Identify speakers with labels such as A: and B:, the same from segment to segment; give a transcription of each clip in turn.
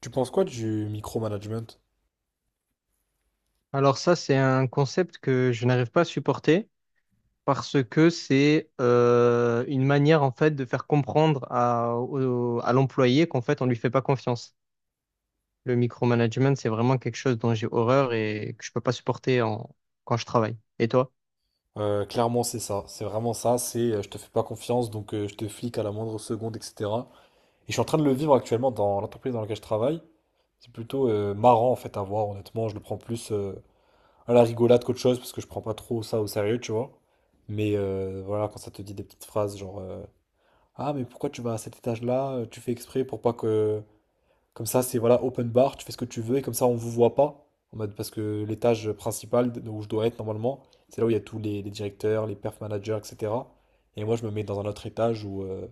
A: Tu penses quoi du micromanagement?
B: Alors ça, c'est un concept que je n'arrive pas à supporter parce que c'est une manière en fait de faire comprendre à l'employé qu'en fait on lui fait pas confiance. Le micromanagement, c'est vraiment quelque chose dont j'ai horreur et que je peux pas supporter quand je travaille. Et toi?
A: Clairement, c'est ça. C'est vraiment ça. C'est je te fais pas confiance, donc je te flic à la moindre seconde, etc. Et je suis en train de le vivre actuellement dans l'entreprise dans laquelle je travaille. C'est plutôt marrant en fait à voir, honnêtement. Je le prends plus à la rigolade qu'autre chose parce que je prends pas trop ça au sérieux, tu vois. Mais voilà, quand ça te dit des petites phrases genre ah, mais pourquoi tu vas à cet étage-là? Tu fais exprès pour pas que. Comme ça, c'est voilà, open bar, tu fais ce que tu veux et comme ça, on vous voit pas. En mode, parce que l'étage principal où je dois être normalement, c'est là où il y a tous les directeurs, les perf managers, etc. Et moi, je me mets dans un autre étage où, euh,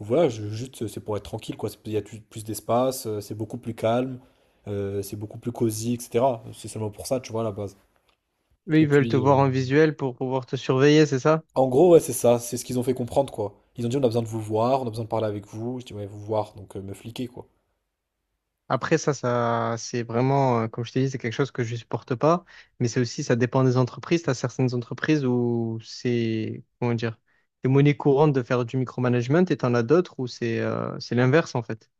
A: où voilà, juste c'est pour être tranquille, quoi. Il y a plus d'espace, c'est beaucoup plus calme, c'est beaucoup plus cosy, etc. C'est seulement pour ça, tu vois, à la base.
B: Eux,
A: Et
B: ils veulent te
A: puis,
B: voir en visuel pour pouvoir te surveiller, c'est ça?
A: en gros, ouais, c'est ça, c'est ce qu'ils ont fait comprendre, quoi. Ils ont dit, on a besoin de vous voir, on a besoin de parler avec vous. Je dis, ouais, vous voir, donc me fliquer, quoi.
B: Après, ça, c'est vraiment, comme je t'ai dit, c'est quelque chose que je supporte pas. Mais c'est aussi, ça dépend des entreprises. T'as certaines entreprises où c'est, comment dire, c'est monnaie courante de faire du micromanagement et t'en as d'autres où c'est l'inverse, en fait.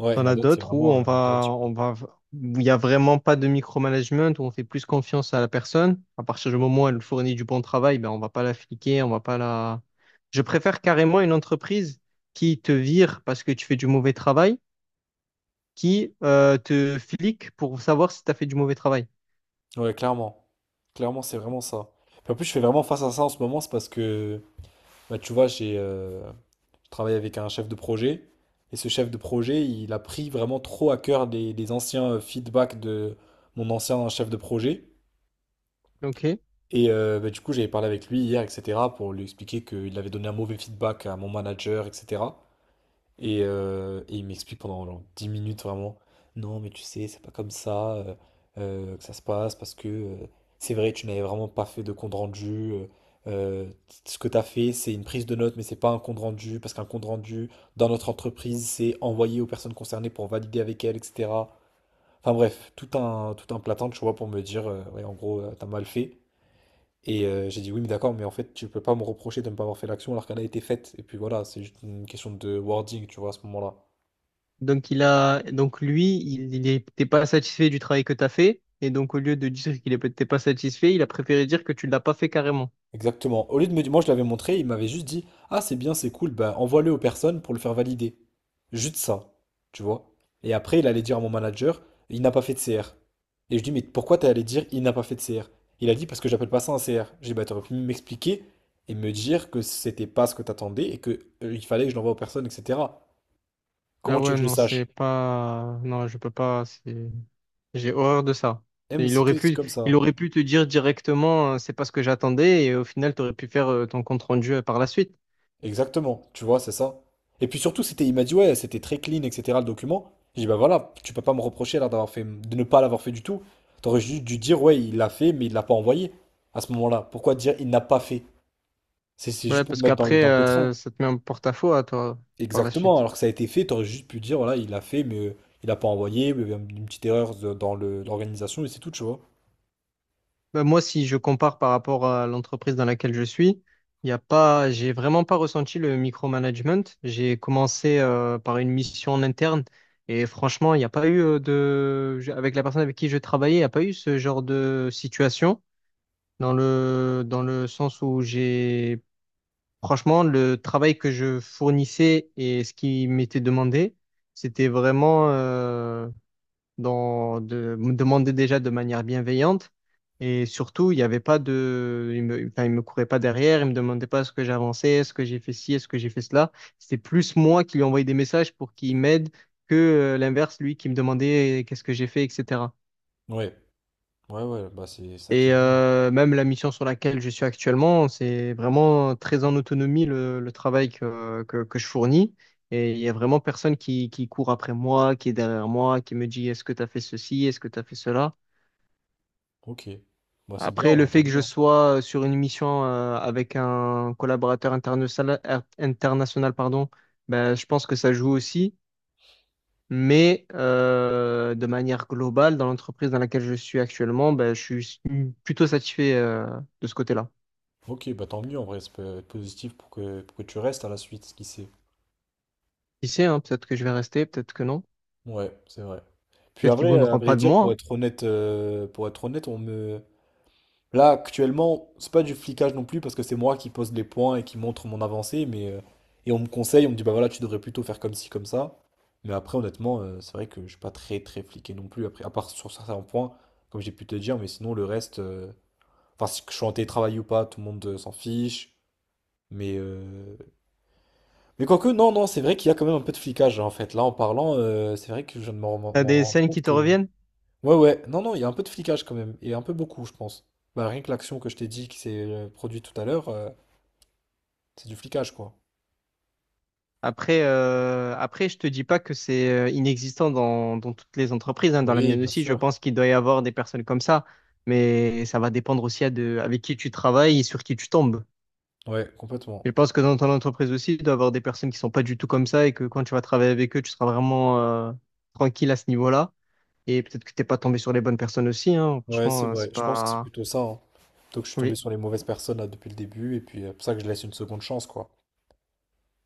A: Ouais, il y
B: T'en
A: en a
B: as
A: d'autres, c'est
B: d'autres où
A: vraiment
B: où il y a vraiment pas de micromanagement, où on fait plus confiance à la personne. À partir du moment où elle fournit du bon travail, ben, on va pas la fliquer, on va pas la, je préfère carrément une entreprise qui te vire parce que tu fais du mauvais travail qui te flique pour savoir si tu as fait du mauvais travail.
A: ouais, clairement. Clairement, c'est vraiment ça. Puis en plus, je fais vraiment face à ça en ce moment, c'est parce que, bah, tu vois, j'ai je travaille avec un chef de projet, et ce chef de projet, il a pris vraiment trop à cœur les anciens feedbacks de mon ancien chef de projet.
B: Ok.
A: Et bah, du coup, j'avais parlé avec lui hier, etc., pour lui expliquer qu'il avait donné un mauvais feedback à mon manager, etc. Et il m'explique pendant genre 10 minutes vraiment, non mais tu sais, c'est pas comme ça que ça se passe, parce que c'est vrai, tu n'avais vraiment pas fait de compte rendu. euh, Ce que tu as fait, c'est une prise de notes, mais c'est pas un compte rendu, parce qu'un compte rendu dans notre entreprise, c'est envoyé aux personnes concernées pour valider avec elles, etc. Enfin bref, tout un platin, tu vois, pour me dire, ouais, en gros, t'as mal fait. Et j'ai dit, oui, mais d'accord, mais en fait, tu peux pas me reprocher de ne pas avoir fait l'action alors qu'elle a été faite. Et puis voilà, c'est juste une question de wording, tu vois, à ce moment-là.
B: Donc lui, il était pas satisfait du travail que tu as fait et donc au lieu de dire qu'il n'était pas satisfait, il a préféré dire que tu ne l'as pas fait carrément.
A: Exactement. Au lieu de me dire, moi je l'avais montré, il m'avait juste dit, ah c'est bien, c'est cool, bah envoie-le aux personnes pour le faire valider. Juste ça, tu vois. Et après, il allait dire à mon manager, il n'a pas fait de CR. Et je dis, mais pourquoi t'es allé dire, il n'a pas fait de CR? Il a dit, parce que j'appelle pas ça un CR. J'ai dit, bah t'aurais pu m'expliquer et me dire que c'était pas ce que t'attendais et que Il fallait que je l'envoie aux personnes, etc.
B: Ah
A: Comment tu veux
B: ouais,
A: que je le
B: non, c'est
A: sache?
B: pas non, je peux pas, c'est j'ai horreur de ça.
A: Eh,
B: Et
A: mais
B: Il
A: c'est que
B: aurait
A: des trucs
B: pu
A: comme
B: il
A: ça.
B: aurait pu te dire directement, c'est pas ce que j'attendais et au final tu aurais pu faire ton compte rendu, par la suite.
A: Exactement, tu vois, c'est ça. Et puis surtout, c'était, il m'a dit, ouais, c'était très clean, etc. le document. J'ai dit, bah voilà, tu peux pas me reprocher là d'avoir fait, de ne pas l'avoir fait du tout. T'aurais juste dû dire, ouais, il l'a fait, mais il l'a pas envoyé à ce moment-là. Pourquoi dire, il n'a pas fait? C'est
B: Ouais,
A: juste pour me
B: parce
A: mettre dans le,
B: qu'après,
A: dans le pétrin.
B: ça te met en porte-à-faux à toi par la
A: Exactement,
B: suite.
A: alors que ça a été fait, t'aurais juste pu dire, voilà, il l'a fait, mais il l'a pas envoyé, mais il y a une petite erreur dans l'organisation, et c'est tout, tu vois.
B: Bah, moi, si je compare par rapport à l'entreprise dans laquelle je suis, il y a pas, j'ai vraiment pas ressenti le micromanagement. J'ai commencé par une mission en interne et franchement, il n'y a pas eu avec la personne avec qui je travaillais, il n'y a pas eu ce genre de situation dans le sens où franchement, le travail que je fournissais et ce qui m'était demandé, c'était vraiment, me demandait déjà de manière bienveillante. Et surtout, il n'y avait pas de. Il me, enfin, il me courait pas derrière, il me demandait pas ce que j'avançais, est-ce que j'ai fait ci, est-ce que j'ai fait cela. C'était plus moi qui lui envoyais des messages pour qu'il m'aide que l'inverse, lui qui me demandait, qu'est-ce que j'ai fait, etc.
A: Ouais, ouais, ouais, bah c'est ça qui est
B: Et
A: bien.
B: même la mission sur laquelle je suis actuellement, c'est vraiment très en autonomie le travail que je fournis. Et il y a vraiment personne qui court après moi, qui est derrière moi, qui me dit est-ce que tu as fait ceci, est-ce que tu as fait cela.
A: Ok, bah c'est bien,
B: Après, le
A: ouais, tant
B: fait que
A: mieux,
B: je
A: hein.
B: sois sur une mission avec un collaborateur international, pardon, ben, je pense que ça joue aussi. Mais de manière globale, dans l'entreprise dans laquelle je suis actuellement, ben, je suis plutôt satisfait de ce côté-là.
A: Ok, bah tant mieux en vrai, ça peut être positif pour que, tu restes à la suite, qui sait.
B: Qui sait, hein, peut-être que je vais rester, peut-être que non.
A: Ouais, c'est vrai. Puis à
B: Peut-être qu'ils ne
A: vrai, à
B: voudront
A: vrai
B: pas de
A: dire,
B: moi.
A: pour
B: Hein.
A: être honnête, euh, pour être honnête, on me. Là, actuellement, c'est pas du flicage non plus parce que c'est moi qui pose les points et qui montre mon avancée, mais et on me conseille, on me dit bah voilà, tu devrais plutôt faire comme ci, comme ça. Mais après, honnêtement, c'est vrai que je suis pas très très fliqué non plus, après, à part sur certains points, comme j'ai pu te dire, mais sinon le reste, enfin si je suis en télétravail ou pas, tout le monde s'en fiche. Mais, euh, Mais quoique, non, non, c'est vrai qu'il y a quand même un peu de flicage hein, en fait. Là, en parlant, c'est vrai que je ne m'en m'en-
B: T'as
A: m'en
B: des
A: rends
B: scènes
A: compte
B: qui te
A: que.
B: reviennent?
A: Ouais, ouais, non, non, il y a un peu de flicage quand même. Et un peu beaucoup, je pense. Bah, rien que l'action que je t'ai dit qui s'est produite tout à l'heure, c'est du flicage, quoi.
B: Après, je te dis pas que c'est inexistant dans toutes les entreprises, hein. Dans la
A: Oui,
B: mienne
A: bien
B: aussi, je
A: sûr.
B: pense qu'il doit y avoir des personnes comme ça, mais ça va dépendre aussi avec qui tu travailles et sur qui tu tombes.
A: Ouais, complètement.
B: Je pense que dans ton entreprise aussi, il doit y avoir des personnes qui sont pas du tout comme ça et que quand tu vas travailler avec eux, tu seras vraiment tranquille à ce niveau-là. Et peut-être que t'es pas tombé sur les bonnes personnes aussi, hein.
A: Ouais, c'est
B: Franchement,
A: vrai.
B: c'est
A: Je pense que c'est
B: pas.
A: plutôt ça, hein. Plutôt que je suis tombé
B: Oui,
A: sur les mauvaises personnes là depuis le début. Et puis, c'est pour ça que je laisse une seconde chance, quoi.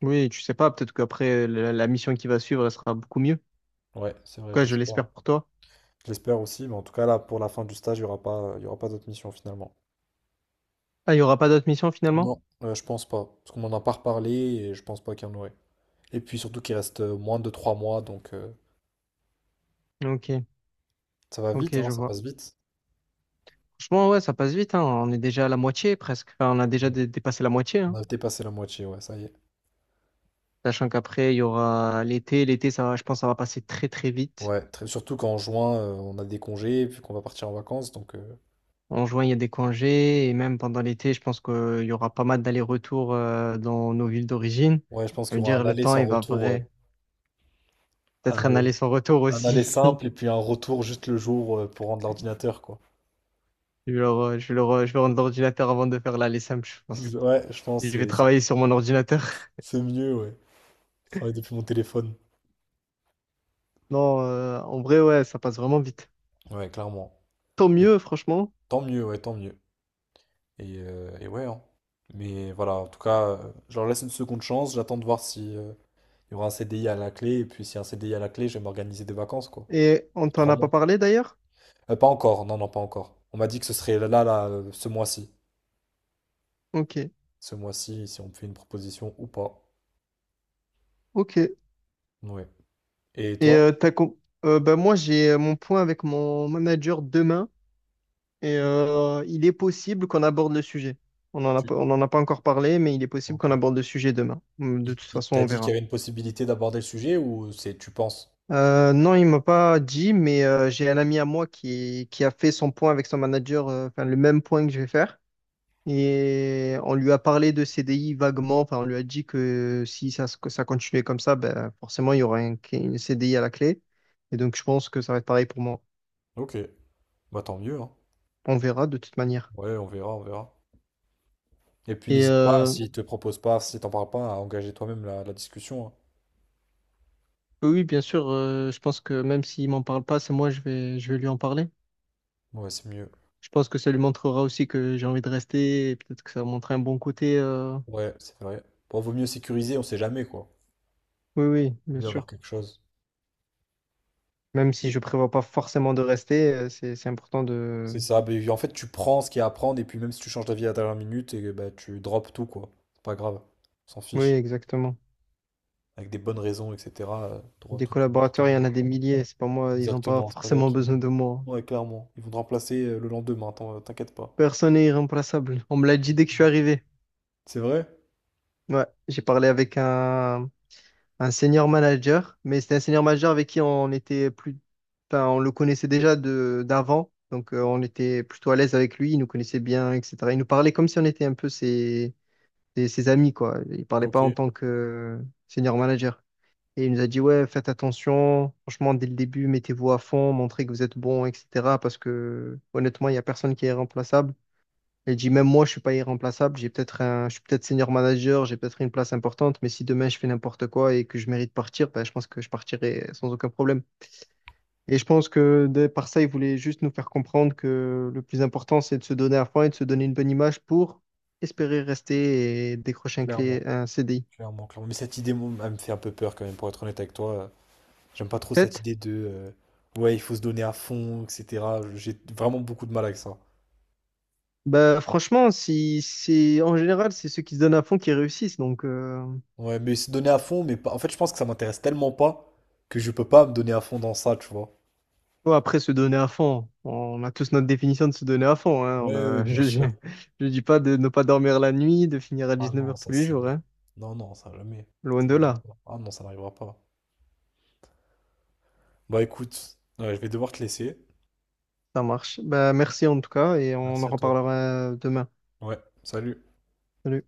B: oui, tu sais pas. Peut-être qu'après la mission qui va suivre, elle sera beaucoup mieux.
A: Ouais, c'est vrai, je
B: Quoi, je
A: l'espère.
B: l'espère pour toi.
A: Je l'espère aussi, mais en tout cas, là, pour la fin du stage, il y aura pas d'autres missions finalement.
B: Ah, il y aura pas d'autres missions finalement?
A: Non, je pense pas. Parce qu'on m'en a pas reparlé et je pense pas qu'il y en aurait. Et puis surtout qu'il reste moins de 3 mois, donc
B: Ok.
A: ça va vite,
B: Ok,
A: hein,
B: je
A: ça
B: vois.
A: passe vite.
B: Franchement, ouais, ça passe vite, hein. On est déjà à la moitié presque. Enfin, on a déjà
A: Ouais.
B: dépassé la moitié,
A: On
B: hein.
A: a dépassé la moitié, ouais, ça y est.
B: Sachant qu'après, il y aura l'été. L'été, ça va, je pense, ça va passer très, très vite.
A: Ouais, surtout qu'en juin, on a des congés, puis qu'on va partir en vacances, donc
B: En juin, il y a des congés. Et même pendant l'été, je pense qu'il y aura pas mal d'allers-retours dans nos villes d'origine.
A: ouais, je pense
B: Ça veut
A: qu'il y aura
B: dire,
A: un
B: le
A: aller
B: temps,
A: sans
B: il va
A: retour, ouais.
B: vrai.
A: Un
B: Peut-être un
A: aller,
B: aller sans retour
A: un aller
B: aussi.
A: simple et puis un retour juste le jour pour rendre l'ordinateur, quoi.
B: Je vais rendre l'ordinateur avant de faire l'aller simple, je pense.
A: Ouais, je pense
B: Je vais
A: que c'est c'est-
B: travailler sur mon ordinateur.
A: c'est mieux, ouais. Je travaille depuis mon téléphone.
B: Non, en vrai, ouais, ça passe vraiment vite.
A: Ouais, clairement.
B: Tant
A: Et
B: mieux, franchement.
A: tant mieux, ouais, tant mieux. Et ouais, hein. Mais voilà, en tout cas, je leur laisse une seconde chance. J'attends de voir si il y aura un CDI à la clé. Et puis, si y a un CDI à la clé, je vais m'organiser des vacances, quoi.
B: Et on t'en
A: Trois
B: a pas
A: mois.
B: parlé d'ailleurs?
A: Pas encore, non, non, pas encore. On m'a dit que ce serait ce mois-ci.
B: Ok,
A: Ce mois-ci, si on me fait une proposition ou pas.
B: ok. Et
A: Ouais. Et toi?
B: euh, t'as com- moi j'ai mon point avec mon manager demain et il est possible qu'on aborde le sujet.
A: Tu.
B: On en a pas encore parlé, mais il est possible
A: Ok.
B: qu'on aborde le sujet demain. Hum. De toute façon,
A: T'as
B: on
A: dit qu'il y
B: verra.
A: avait une possibilité d'aborder le sujet ou c'est tu penses?
B: Non, il m'a pas dit, mais j'ai un ami à moi qui a fait son point avec son manager, enfin le même point que je vais faire. Et on lui a parlé de CDI vaguement, enfin on lui a dit que si ça, se- que ça continuait comme ça, ben, forcément il y aurait une CDI à la clé. Et donc je pense que ça va être pareil pour moi.
A: Ok. Bah tant mieux, hein.
B: On verra de toute manière.
A: Ouais, on verra, on verra. Et puis
B: Et
A: n'hésite pas, s'ils te proposent pas, si t'en parles pas, à engager toi-même la discussion, hein.
B: oui, bien sûr, je pense que même s'il m'en parle pas, c'est moi, je vais lui en parler.
A: Ouais, c'est mieux.
B: Je pense que ça lui montrera aussi que j'ai envie de rester et peut-être que ça va montrer un bon côté.
A: Ouais, c'est vrai. Bon, vaut mieux sécuriser, on sait jamais quoi.
B: Oui, oui, bien
A: Mieux avoir
B: sûr.
A: quelque chose.
B: Même si je prévois pas forcément de rester, c'est important de...
A: C'est ça, mais en fait, tu prends ce qu'il y a à prendre et puis même si tu changes d'avis à la dernière minute, et, bah, tu drops tout quoi. C'est pas grave, on s'en
B: Oui,
A: fiche.
B: exactement.
A: Avec des bonnes raisons, etc. T'auras
B: Des
A: tout,
B: collaborateurs,
A: tout.
B: il y en a des milliers. C'est pas moi, ils n'ont pas
A: Exactement, c'est pas toi
B: forcément
A: qui.
B: besoin de moi.
A: Ouais, clairement. Ils vont te remplacer le lendemain, t'inquiète pas.
B: Personne n'est irremplaçable. On me l'a dit dès que je suis arrivé.
A: C'est vrai?
B: Ouais, j'ai parlé avec un senior manager, mais c'était un senior manager avec qui on était plus, enfin, on le connaissait déjà de d'avant, donc on était plutôt à l'aise avec lui. Il nous connaissait bien, etc. Il nous parlait comme si on était un peu ses amis, quoi. Il parlait pas
A: Ok.
B: en tant que senior manager. Et il nous a dit, ouais, faites attention, franchement, dès le début, mettez-vous à fond, montrez que vous êtes bon, etc. Parce que honnêtement, il n'y a personne qui est irremplaçable. Il dit, même moi, je suis pas irremplaçable, je suis peut-être senior manager, j'ai peut-être une place importante, mais si demain je fais n'importe quoi et que je mérite de partir, ben, je pense que je partirai sans aucun problème. Et je pense que par ça, il voulait juste nous faire comprendre que le plus important, c'est de se donner à fond et de se donner une bonne image pour espérer rester et décrocher
A: Clairement,
B: un CDI.
A: clairement, clairement. Mais cette idée, moi, elle me fait un peu peur quand même, pour être honnête avec toi. J'aime pas trop
B: 7
A: cette idée de ouais, il faut se donner à fond, etc. J'ai vraiment beaucoup de mal avec ça.
B: Bah, franchement, si, c'est, en général, c'est ceux qui se donnent à fond qui réussissent. Donc,
A: Ouais, mais se donner à fond, mais pas, en fait, je pense que ça m'intéresse tellement pas que je peux pas me donner à fond dans ça, tu vois.
B: ouais, après, se donner à fond, on a tous notre définition de se donner à fond. Hein.
A: Oui,
B: On
A: oui,
B: a,
A: bien sûr.
B: je dis pas de ne pas dormir la nuit, de finir à
A: Ah
B: 19
A: non,
B: heures tous
A: ça
B: les jours.
A: c'est.
B: Hein.
A: Non, non, ça jamais.
B: Loin
A: Ça
B: de
A: n'arrivera
B: là.
A: pas. Ah non, ça n'arrivera pas. Bah écoute, ouais, je vais devoir te laisser.
B: Ça marche. Bah, merci en tout cas et on
A: Merci
B: en
A: à toi.
B: reparlera demain.
A: Ouais, salut.
B: Salut.